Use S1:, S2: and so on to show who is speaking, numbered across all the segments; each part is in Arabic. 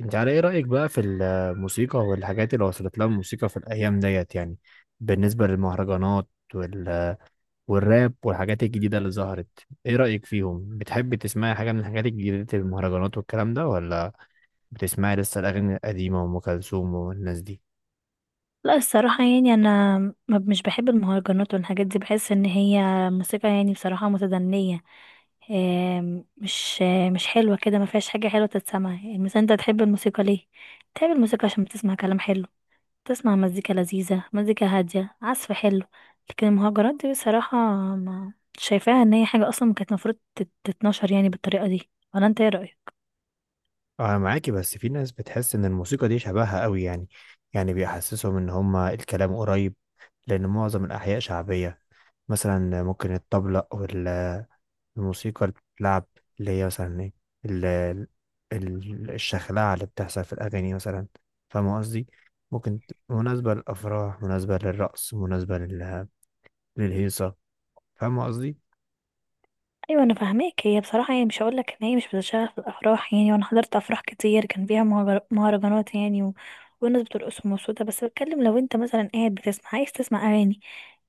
S1: انت على ايه رأيك بقى في الموسيقى والحاجات اللي وصلت لها الموسيقى في الايام ديت بالنسبة للمهرجانات وال... والراب والحاجات الجديدة اللي ظهرت، ايه رأيك فيهم؟ بتحب تسمعي حاجة من الحاجات الجديدة المهرجانات والكلام ده، ولا بتسمعي لسه الاغاني القديمة وام كلثوم والناس دي؟
S2: لا الصراحة يعني أنا مش بحب المهرجانات والحاجات دي. بحس إن هي موسيقى يعني بصراحة متدنية. آم، مش آه، مش حلوة كده، ما فيهاش حاجة حلوة تتسمع. يعني مثلا أنت تحب الموسيقى ليه؟ تحب الموسيقى عشان بتسمع كلام حلو، تسمع مزيكا لذيذة، مزيكا هادية، عزف حلو. لكن المهرجانات دي بصراحة ما شايفاها إن هي حاجة أصلا كانت المفروض تتنشر يعني بالطريقة دي. ولا أنت إيه رأيك؟
S1: انا معاكي، بس في ناس بتحس ان الموسيقى دي شبهها قوي، يعني بيحسسهم ان هما الكلام قريب، لان معظم الاحياء شعبية. مثلا ممكن الطبلة، الموسيقى اللي بتتلعب، اللي هي مثلا ايه، ال- ال- الشخلعة اللي بتحصل في الأغاني مثلا. فاهم قصدي؟ مناسبة للأفراح، مناسبة للرقص، مناسبة للهيصة. فاهم قصدي؟
S2: ايوه انا فاهماك. هي بصراحه يعني مش هقول لك ان هي مش بتشتغل في الافراح، يعني وانا حضرت افراح كتير كان فيها مهرجانات يعني و... والناس بترقص ومبسوطه. بس بتكلم لو انت مثلا قاعد بتسمع عايز تسمع اغاني،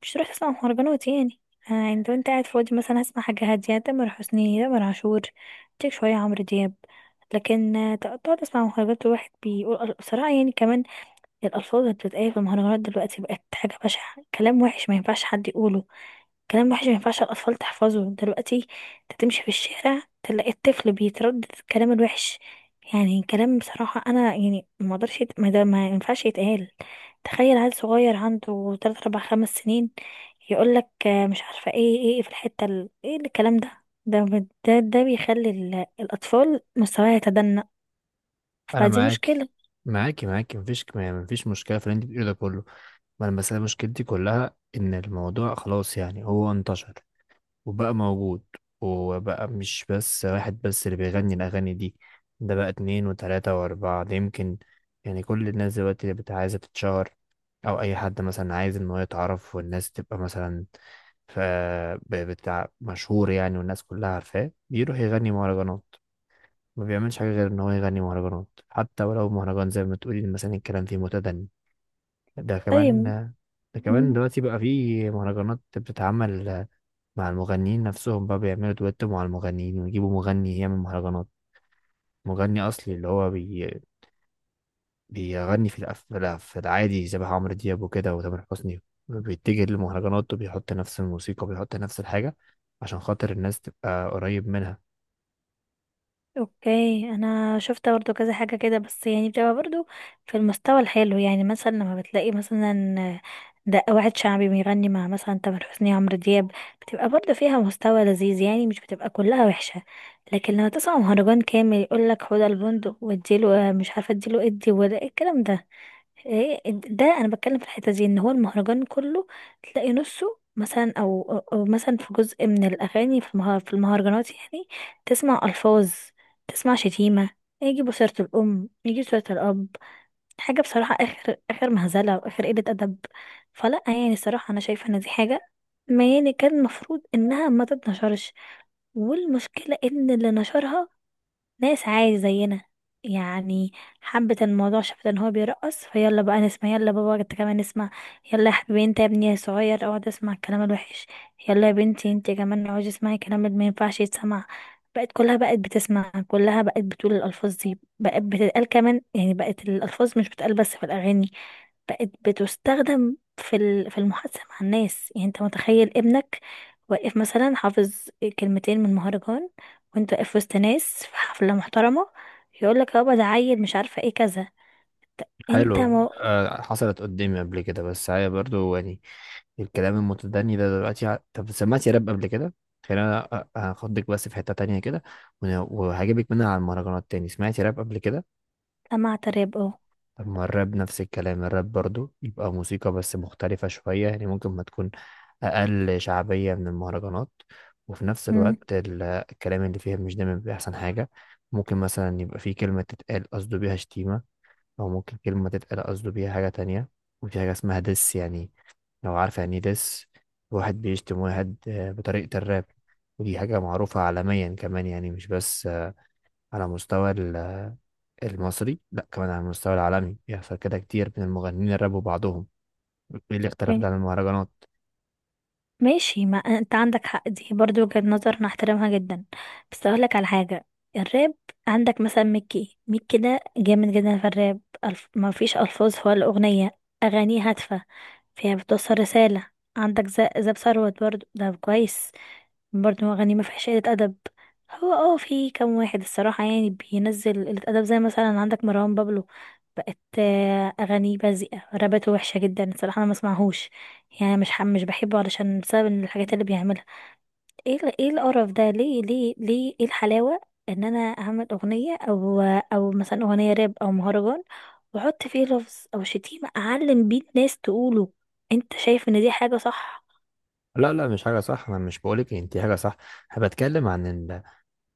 S2: مش تروح تسمع مهرجانات يعني. يعني لو انت قاعد فاضي مثلا هسمع حاجه هاديه، تامر حسني، تامر عاشور، تيك شويه، عمرو دياب. لكن تقعد تسمع مهرجانات، الواحد بيقول بصراحه يعني كمان الالفاظ اللي بتتقال في المهرجانات دلوقتي بقت حاجه بشعه، كلام وحش ما ينفعش حد يقوله، كلام وحش ما ينفعش الأطفال تحفظه دلوقتي. انت تمشي في الشارع تلاقي الطفل بيتردد الكلام الوحش. يعني كلام بصراحة أنا يعني ما اقدرش يت- ما, ده ما ينفعش يتقال. تخيل عيل صغير عنده تلات أربع خمس سنين يقول لك مش عارفة ايه ايه إيه في الحتة ايه الكلام ده؟ ده بيخلي الأطفال مستواها يتدنى.
S1: أنا
S2: فدي
S1: معاك،
S2: مشكلة.
S1: معاكي معاكي، مفيش ما- مفيش مشكلة في اللي انت بتقوله ده كله. ما أنا بس أنا مشكلتي كلها إن الموضوع خلاص يعني هو انتشر وبقى موجود، وبقى مش بس واحد اللي بيغني الأغاني دي، ده بقى اتنين وتلاتة وأربعة. ده يمكن يعني كل الناس دلوقتي عايزة تتشهر، أو أي حد مثلا عايز إن هو يتعرف والناس تبقى مثلا، ف بتاع مشهور يعني والناس كلها عارفاه، بيروح يغني مهرجانات. ما بيعملش حاجة غير إن هو يغني مهرجانات، حتى ولو مهرجان زي ما تقولي مثلا الكلام فيه متدني. ده كمان،
S2: طيب
S1: دلوقتي بقى فيه مهرجانات بتتعمل مع المغنيين نفسهم، بقى بيعملوا دويتو مع المغنيين ويجيبوا مغني يعمل مهرجانات. مغني أصلي اللي هو بيغني في في العادي، شبه عمرو دياب وكده وتامر حسني، بيتجه للمهرجانات وبيحط نفس الموسيقى وبيحط نفس الحاجة عشان خاطر الناس تبقى قريب منها.
S2: اوكي، انا شفت برضو كذا حاجة كده، بس يعني بتبقى برضو في المستوى الحلو. يعني مثلا لما بتلاقي مثلا ده واحد شعبي بيغني مع مثلا تامر حسني، عمرو دياب، بتبقى برضو فيها مستوى لذيذ يعني، مش بتبقى كلها وحشة. لكن لما تسمع مهرجان كامل يقولك خد البندق واديله، مش عارفة اديله ادي ولا ايه الكلام ده. ده انا بتكلم في الحته دي، ان هو المهرجان كله تلاقي نصه مثلا، او او أو مثلا في جزء من الاغاني في في المهرجانات يعني تسمع الفاظ، تسمع شتيمه، يجي بصيره الام، يجي صوره الاب. حاجه بصراحه اخر اخر مهزله، واخر قله ادب. فلا يعني الصراحه انا شايفه ان دي حاجه ما يعني كان المفروض انها ما تتنشرش. والمشكله ان اللي نشرها ناس عادي زينا يعني، حبت الموضوع، شافت ان هو بيرقص، فيلا بقى نسمع، يلا بابا انت كمان اسمع، يلا يا حبيبي انت يا ابني صغير اقعد اسمع الكلام الوحش، يلا يا بنتي انت كمان اقعدي اسمعي الكلام اللي ما ينفعش يتسمع. بقت كلها بقت بتسمع، كلها بقت بتقول الالفاظ دي، بقت بتتقال كمان يعني. بقت الالفاظ مش بتتقال بس في الاغاني، بقت بتستخدم في في المحادثة مع الناس. يعني انت متخيل ابنك واقف مثلا حافظ كلمتين من مهرجان، وانت واقف وسط ناس في حفلة محترمة، يقول لك يابا ده عيل مش عارفة ايه كذا؟ انت
S1: حلو.
S2: ما
S1: آه، حصلت قدامي قبل كده، بس هي برضو يعني الكلام المتدني ده دلوقتي طب سمعت يا راب قبل كده؟ خلينا هاخدك بس في حتة تانية كده وهجيبك منها على المهرجانات تاني. سمعت يا راب قبل كده؟
S2: سمعت راب؟ اه.
S1: طب ما الراب نفس الكلام، الراب برضو يبقى موسيقى بس مختلفة شوية، يعني ممكن ما تكون أقل شعبية من المهرجانات، وفي نفس
S2: مم.
S1: الوقت الكلام اللي فيها مش دايما بيبقى أحسن حاجة. ممكن مثلا يبقى في كلمة تتقال قصده بيها شتيمة، أو ممكن كلمة تتقال قصده بيها حاجة تانية. وفي حاجة اسمها دس يعني، لو عارفة يعني إيه دس، واحد بيشتم واحد آه، بطريقة الراب. ودي حاجة معروفة عالميا كمان، يعني مش بس على مستوى المصري، لا كمان على المستوى العالمي، بيحصل كده كتير من المغنيين الراب وبعضهم. ايه الاختلاف ده
S2: اوكي.
S1: عن المهرجانات؟
S2: ماشي. ما انت عندك حق، دي برضو وجهة نظر انا احترمها جدا. بس اقول لك على حاجة. الراب عندك مثلا ميكي ميكي ده جامد جدا في الراب. ألف... ما فيش الفاظ ولا اغنية، اغانيه هادفة فهي بتوصل رسالة. عندك زاب ثروت برضو ده كويس، برضو أغاني ما فيهاش قلة أدب. هو اه في كام واحد الصراحة يعني بينزل قلة أدب، زي مثلا عندك مروان بابلو. بقت أغانيه بذيئة، رابته وحشة جدا الصراحة، أنا ما اسمعهوش يعني. مش بحبه علشان بسبب الحاجات اللي بيعملها. ايه ايه القرف ده؟ ليه ليه ليه؟ ايه الحلاوة ان انا اعمل اغنية، او او مثلا اغنية راب او مهرجان، واحط فيه لفظ او شتيمة اعلم بيه الناس تقوله؟ انت شايف ان دي حاجة صح؟
S1: لا لا، مش حاجة صح، انا مش بقولك ان دي حاجة صح. انا بتكلم عن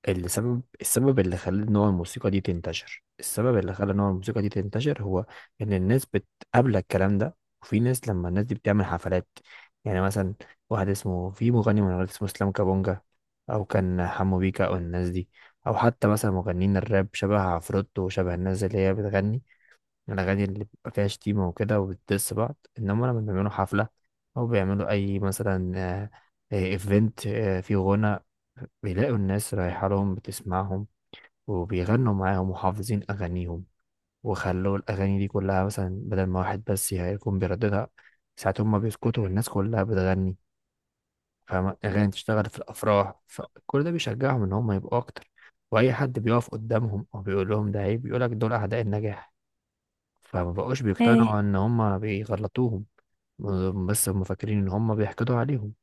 S1: السبب، السبب اللي خلى نوع الموسيقى دي تنتشر السبب اللي خلى نوع الموسيقى دي تنتشر هو ان الناس بتقابلك الكلام ده. وفي ناس لما الناس دي بتعمل حفلات، يعني مثلا واحد اسمه، في مغني من الولايات اسمه اسلام كابونجا، او كان حمو بيكا او الناس دي، او حتى مثلا مغنيين الراب شبه عفروتو وشبه الناس اللي هي بتغني الاغاني اللي بيبقى فيها شتيمه وكده وبتدس بعض، انما لما بيعملوا حفله او بيعملوا اي مثلا ايفنت فيه غنى، بيلاقوا الناس رايحه لهم بتسمعهم وبيغنوا معاهم وحافظين اغانيهم. وخلوا الاغاني دي كلها، مثلا بدل ما واحد بس يكون بيرددها، ساعات هما بيسكتوا والناس كلها بتغني. فاهم؟ أغاني تشتغل في الأفراح، فكل ده بيشجعهم إن هم يبقوا أكتر. وأي حد بيقف قدامهم أو بيقول لهم ده عيب، بيقولك دول أعداء النجاح، فما بقوش
S2: ايه،
S1: بيقتنعوا إن هم بيغلطوهم، بس هم فاكرين إن هم بيحقدوا عليهم.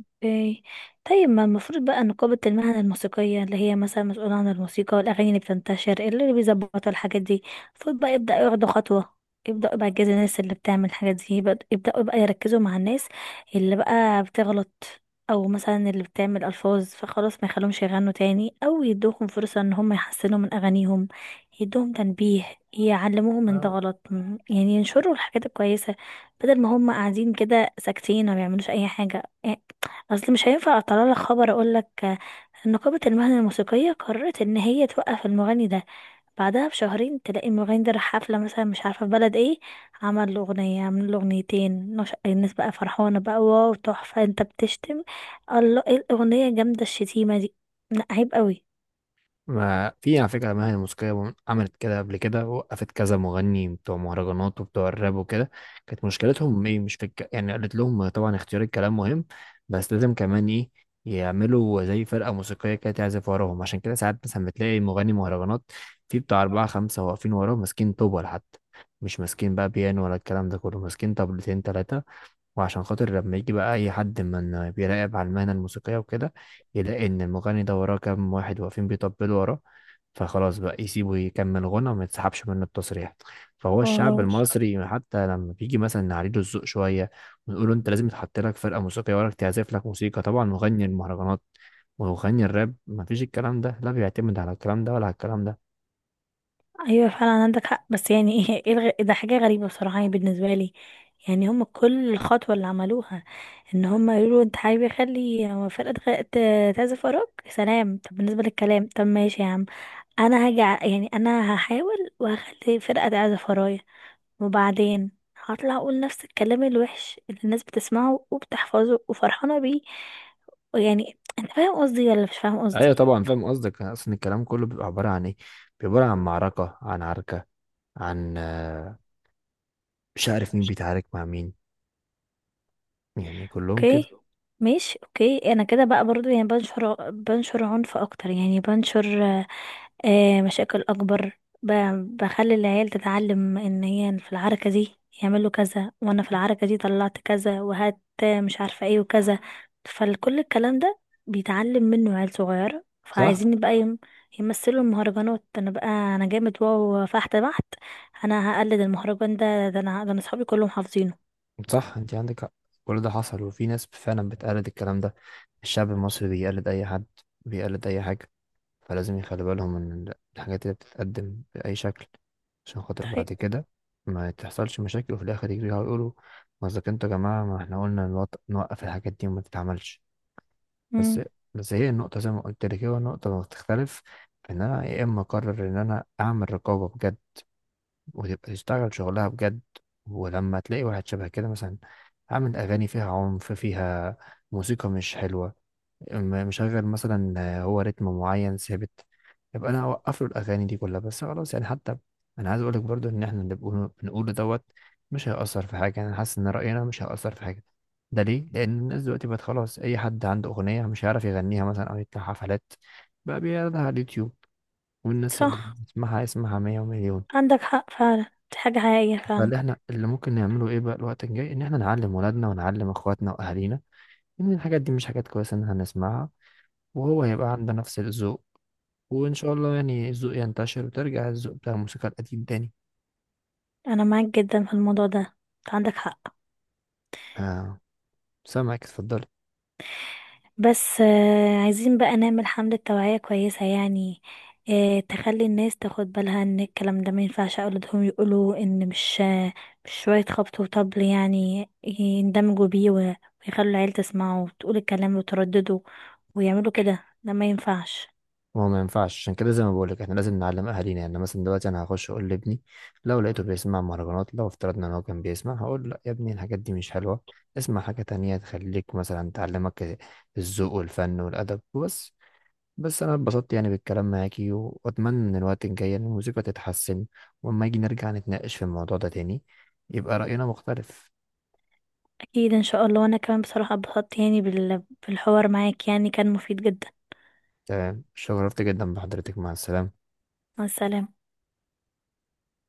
S2: اوكي. طيب ما المفروض بقى نقابة المهنة الموسيقية، اللي هي مثلا مسؤولة عن الموسيقى والأغاني اللي بتنتشر، اللي بيظبطوا الحاجات دي، المفروض بقى يبدأ ياخدوا خطوة. يبدأوا بقى يجازوا الناس اللي بتعمل الحاجات دي. يبدأوا بقى يركزوا مع الناس اللي بقى بتغلط، أو مثلا اللي بتعمل ألفاظ، فخلاص ما يخلوهمش يغنوا تاني، أو يدوهم فرصة إن هم يحسنوا من أغانيهم. يدوهم تنبيه، يعلموهم من ده غلط. يعني ينشروا الحاجات الكويسة، بدل ما هم قاعدين كده ساكتين ما بيعملوش أي حاجة. اصل مش هينفع اطلع لك خبر اقول لك ان نقابة المهنة الموسيقية قررت ان هي توقف المغني ده، بعدها بشهرين تلاقي المغني ده راح حفلة مثلا مش عارفة في بلد ايه، عمل له أغنية، عمل له أغنيتين، الناس بقى فرحانة بقى، واو تحفة انت بتشتم، الله ايه الأغنية جامدة الشتيمة دي. لا عيب قوي.
S1: ما في على فكرة مهنة موسيقية عملت كده قبل كده، وقفت كذا مغني بتوع مهرجانات وبتوع الراب وكده. كانت مشكلتهم ايه؟ مش في يعني قالت لهم طبعا اختيار الكلام مهم، بس لازم كمان ايه، يعملوا زي فرقة موسيقية كده تعزف وراهم. عشان كده ساعات مثلا بتلاقي مغني مهرجانات في بتاع أربعة خمسة واقفين وراه ماسكين طوبة حتى، مش ماسكين بقى بيانو ولا الكلام ده كله، ماسكين طبلتين تلاتة. وعشان خاطر لما يجي بقى اي حد من بيراقب على المهنة الموسيقية وكده، يلاقي ان المغني ده وراه كام واحد واقفين بيطبلوا وراه، فخلاص بقى يسيبه يكمل غنى وما يتسحبش منه التصريح. فهو الشعب المصري، حتى لما بيجي مثلا نعليله الذوق شوية ونقول له انت لازم يتحط لك فرقة موسيقية وراك تعزف لك موسيقى، طبعا مغني المهرجانات ومغني الراب ما فيش الكلام ده، لا بيعتمد على الكلام ده ولا على الكلام ده.
S2: ايوه فعلا عندك حق. بس يعني ايه، إيه ده حاجه غريبه بصراحه يعني بالنسبه لي. يعني هم كل الخطوه اللي عملوها ان هم يقولوا انت حابب يخلي فرقه تعزف وراك، سلام. طب بالنسبه للكلام طب ماشي يا عم، انا يعني انا هحاول وهخلي فرقه تعزف ورايا، وبعدين هطلع اقول نفس الكلام الوحش اللي الناس بتسمعه وبتحفظه وفرحانه بيه. يعني انت فاهم قصدي ولا مش فاهم قصدي؟
S1: ايوه طبعا فاهم قصدك. اصلا الكلام كله بيبقى عبارة عن ايه؟ بيبقى عبارة عن معركة، عن عركة، عن مش عارف مين بيتعارك مع مين، يعني كلهم كده.
S2: اوكي ماشي. اوكي انا كده بقى برضو يعني بنشر عنف اكتر، يعني بنشر مشاكل اكبر، بخلي العيال تتعلم ان هي في العركة دي يعملوا كذا، وانا في العركة دي طلعت كذا وهات مش عارفة ايه وكذا. فكل الكلام ده بيتعلم منه عيال صغيرة،
S1: صح،
S2: فعايزين بقى يمثلوا المهرجانات. انا بقى انا جامد واو فحت بحت، انا هقلد المهرجان ده، ده انا، ده انا صحابي كلهم حافظينه.
S1: صح انت عندك حق. كل ده حصل وفي ناس فعلا بتقلد الكلام ده. الشعب المصري بيقلد اي حد، بيقلد اي حاجة، فلازم يخلي بالهم من الحاجات اللي بتتقدم بأي شكل، عشان خاطر
S2: طيب.
S1: بعد كده ما تحصلش مشاكل وفي الاخر يجروا يقولوا ما اذا كنتوا يا جماعة، ما احنا قلنا نوقف الحاجات دي وما تتعملش. بس
S2: امم.
S1: بس هي النقطة زي ما قلت لك، هي النقطة اللي بتختلف في ان انا يا اما اقرر ان انا اعمل رقابة بجد وتبقى تشتغل شغلها بجد، ولما تلاقي واحد شبه كده مثلا عامل أغاني فيها عنف، فيها موسيقى مش حلوة، مشغل مثلا آه، هو رتم معين ثابت، يبقى أنا أوقف له الأغاني دي كلها، بس خلاص يعني. حتى أنا عايز أقولك برضو إن إحنا اللي بنقوله بنقوله دوت، مش هيأثر في حاجة، أنا حاسس إن رأينا مش هيأثر في حاجة. ده ليه؟ لأن الناس دلوقتي بقت خلاص، أي حد عنده أغنية مش هيعرف يغنيها مثلا أو يطلع حفلات، بقى بيعرضها على اليوتيوب، والناس اللي
S2: صح
S1: يسمعها يسمعها مية ومليون.
S2: عندك حق فعلا، دي حاجة حقيقية فعلا.
S1: فاللي احنا اللي ممكن نعمله ايه بقى الوقت الجاي، ان احنا نعلم ولادنا ونعلم اخواتنا واهالينا ان الحاجات دي مش حاجات كويسه ان احنا نسمعها، وهو هيبقى عنده نفس الذوق، وان شاء الله يعني الذوق ينتشر وترجع الذوق بتاع الموسيقى القديم تاني.
S2: أنا معاك جدا في الموضوع ده، أنت عندك حق.
S1: آه، سامعك اتفضلي.
S2: بس عايزين بقى نعمل حملة توعية كويسة يعني، تخلي الناس تاخد بالها ان الكلام ده ما ينفعش اولادهم يقولوا، ان مش مش شوية خبط وطبل يعني يندمجوا بيه ويخلوا العيل تسمعه وتقول الكلام وتردده، ويعملوا كده. ده ما ينفعش.
S1: ما هو ما ينفعش، عشان كده زي ما بقولك احنا لازم نعلم اهالينا. يعني مثلا دلوقتي انا هخش اقول لابني لو لقيته بيسمع مهرجانات، لو افترضنا ان هو كان بيسمع، هقول لا يا ابني الحاجات دي مش حلوه، اسمع حاجه تانية تخليك مثلا، تعلمك الذوق والفن والادب وبس. بس انا اتبسطت يعني بالكلام معاكي، واتمنى ان الوقت الجاي إن الموسيقى تتحسن، واما يجي نرجع نتناقش في الموضوع ده تاني يبقى رأينا مختلف.
S2: اكيد ان شاء الله، وانا كمان بصراحة اتبسطت يعني بالحوار معاك، يعني كان مفيد جدا.
S1: تمام، شرفت جدا بحضرتك، مع السلامة.
S2: مع السلامة.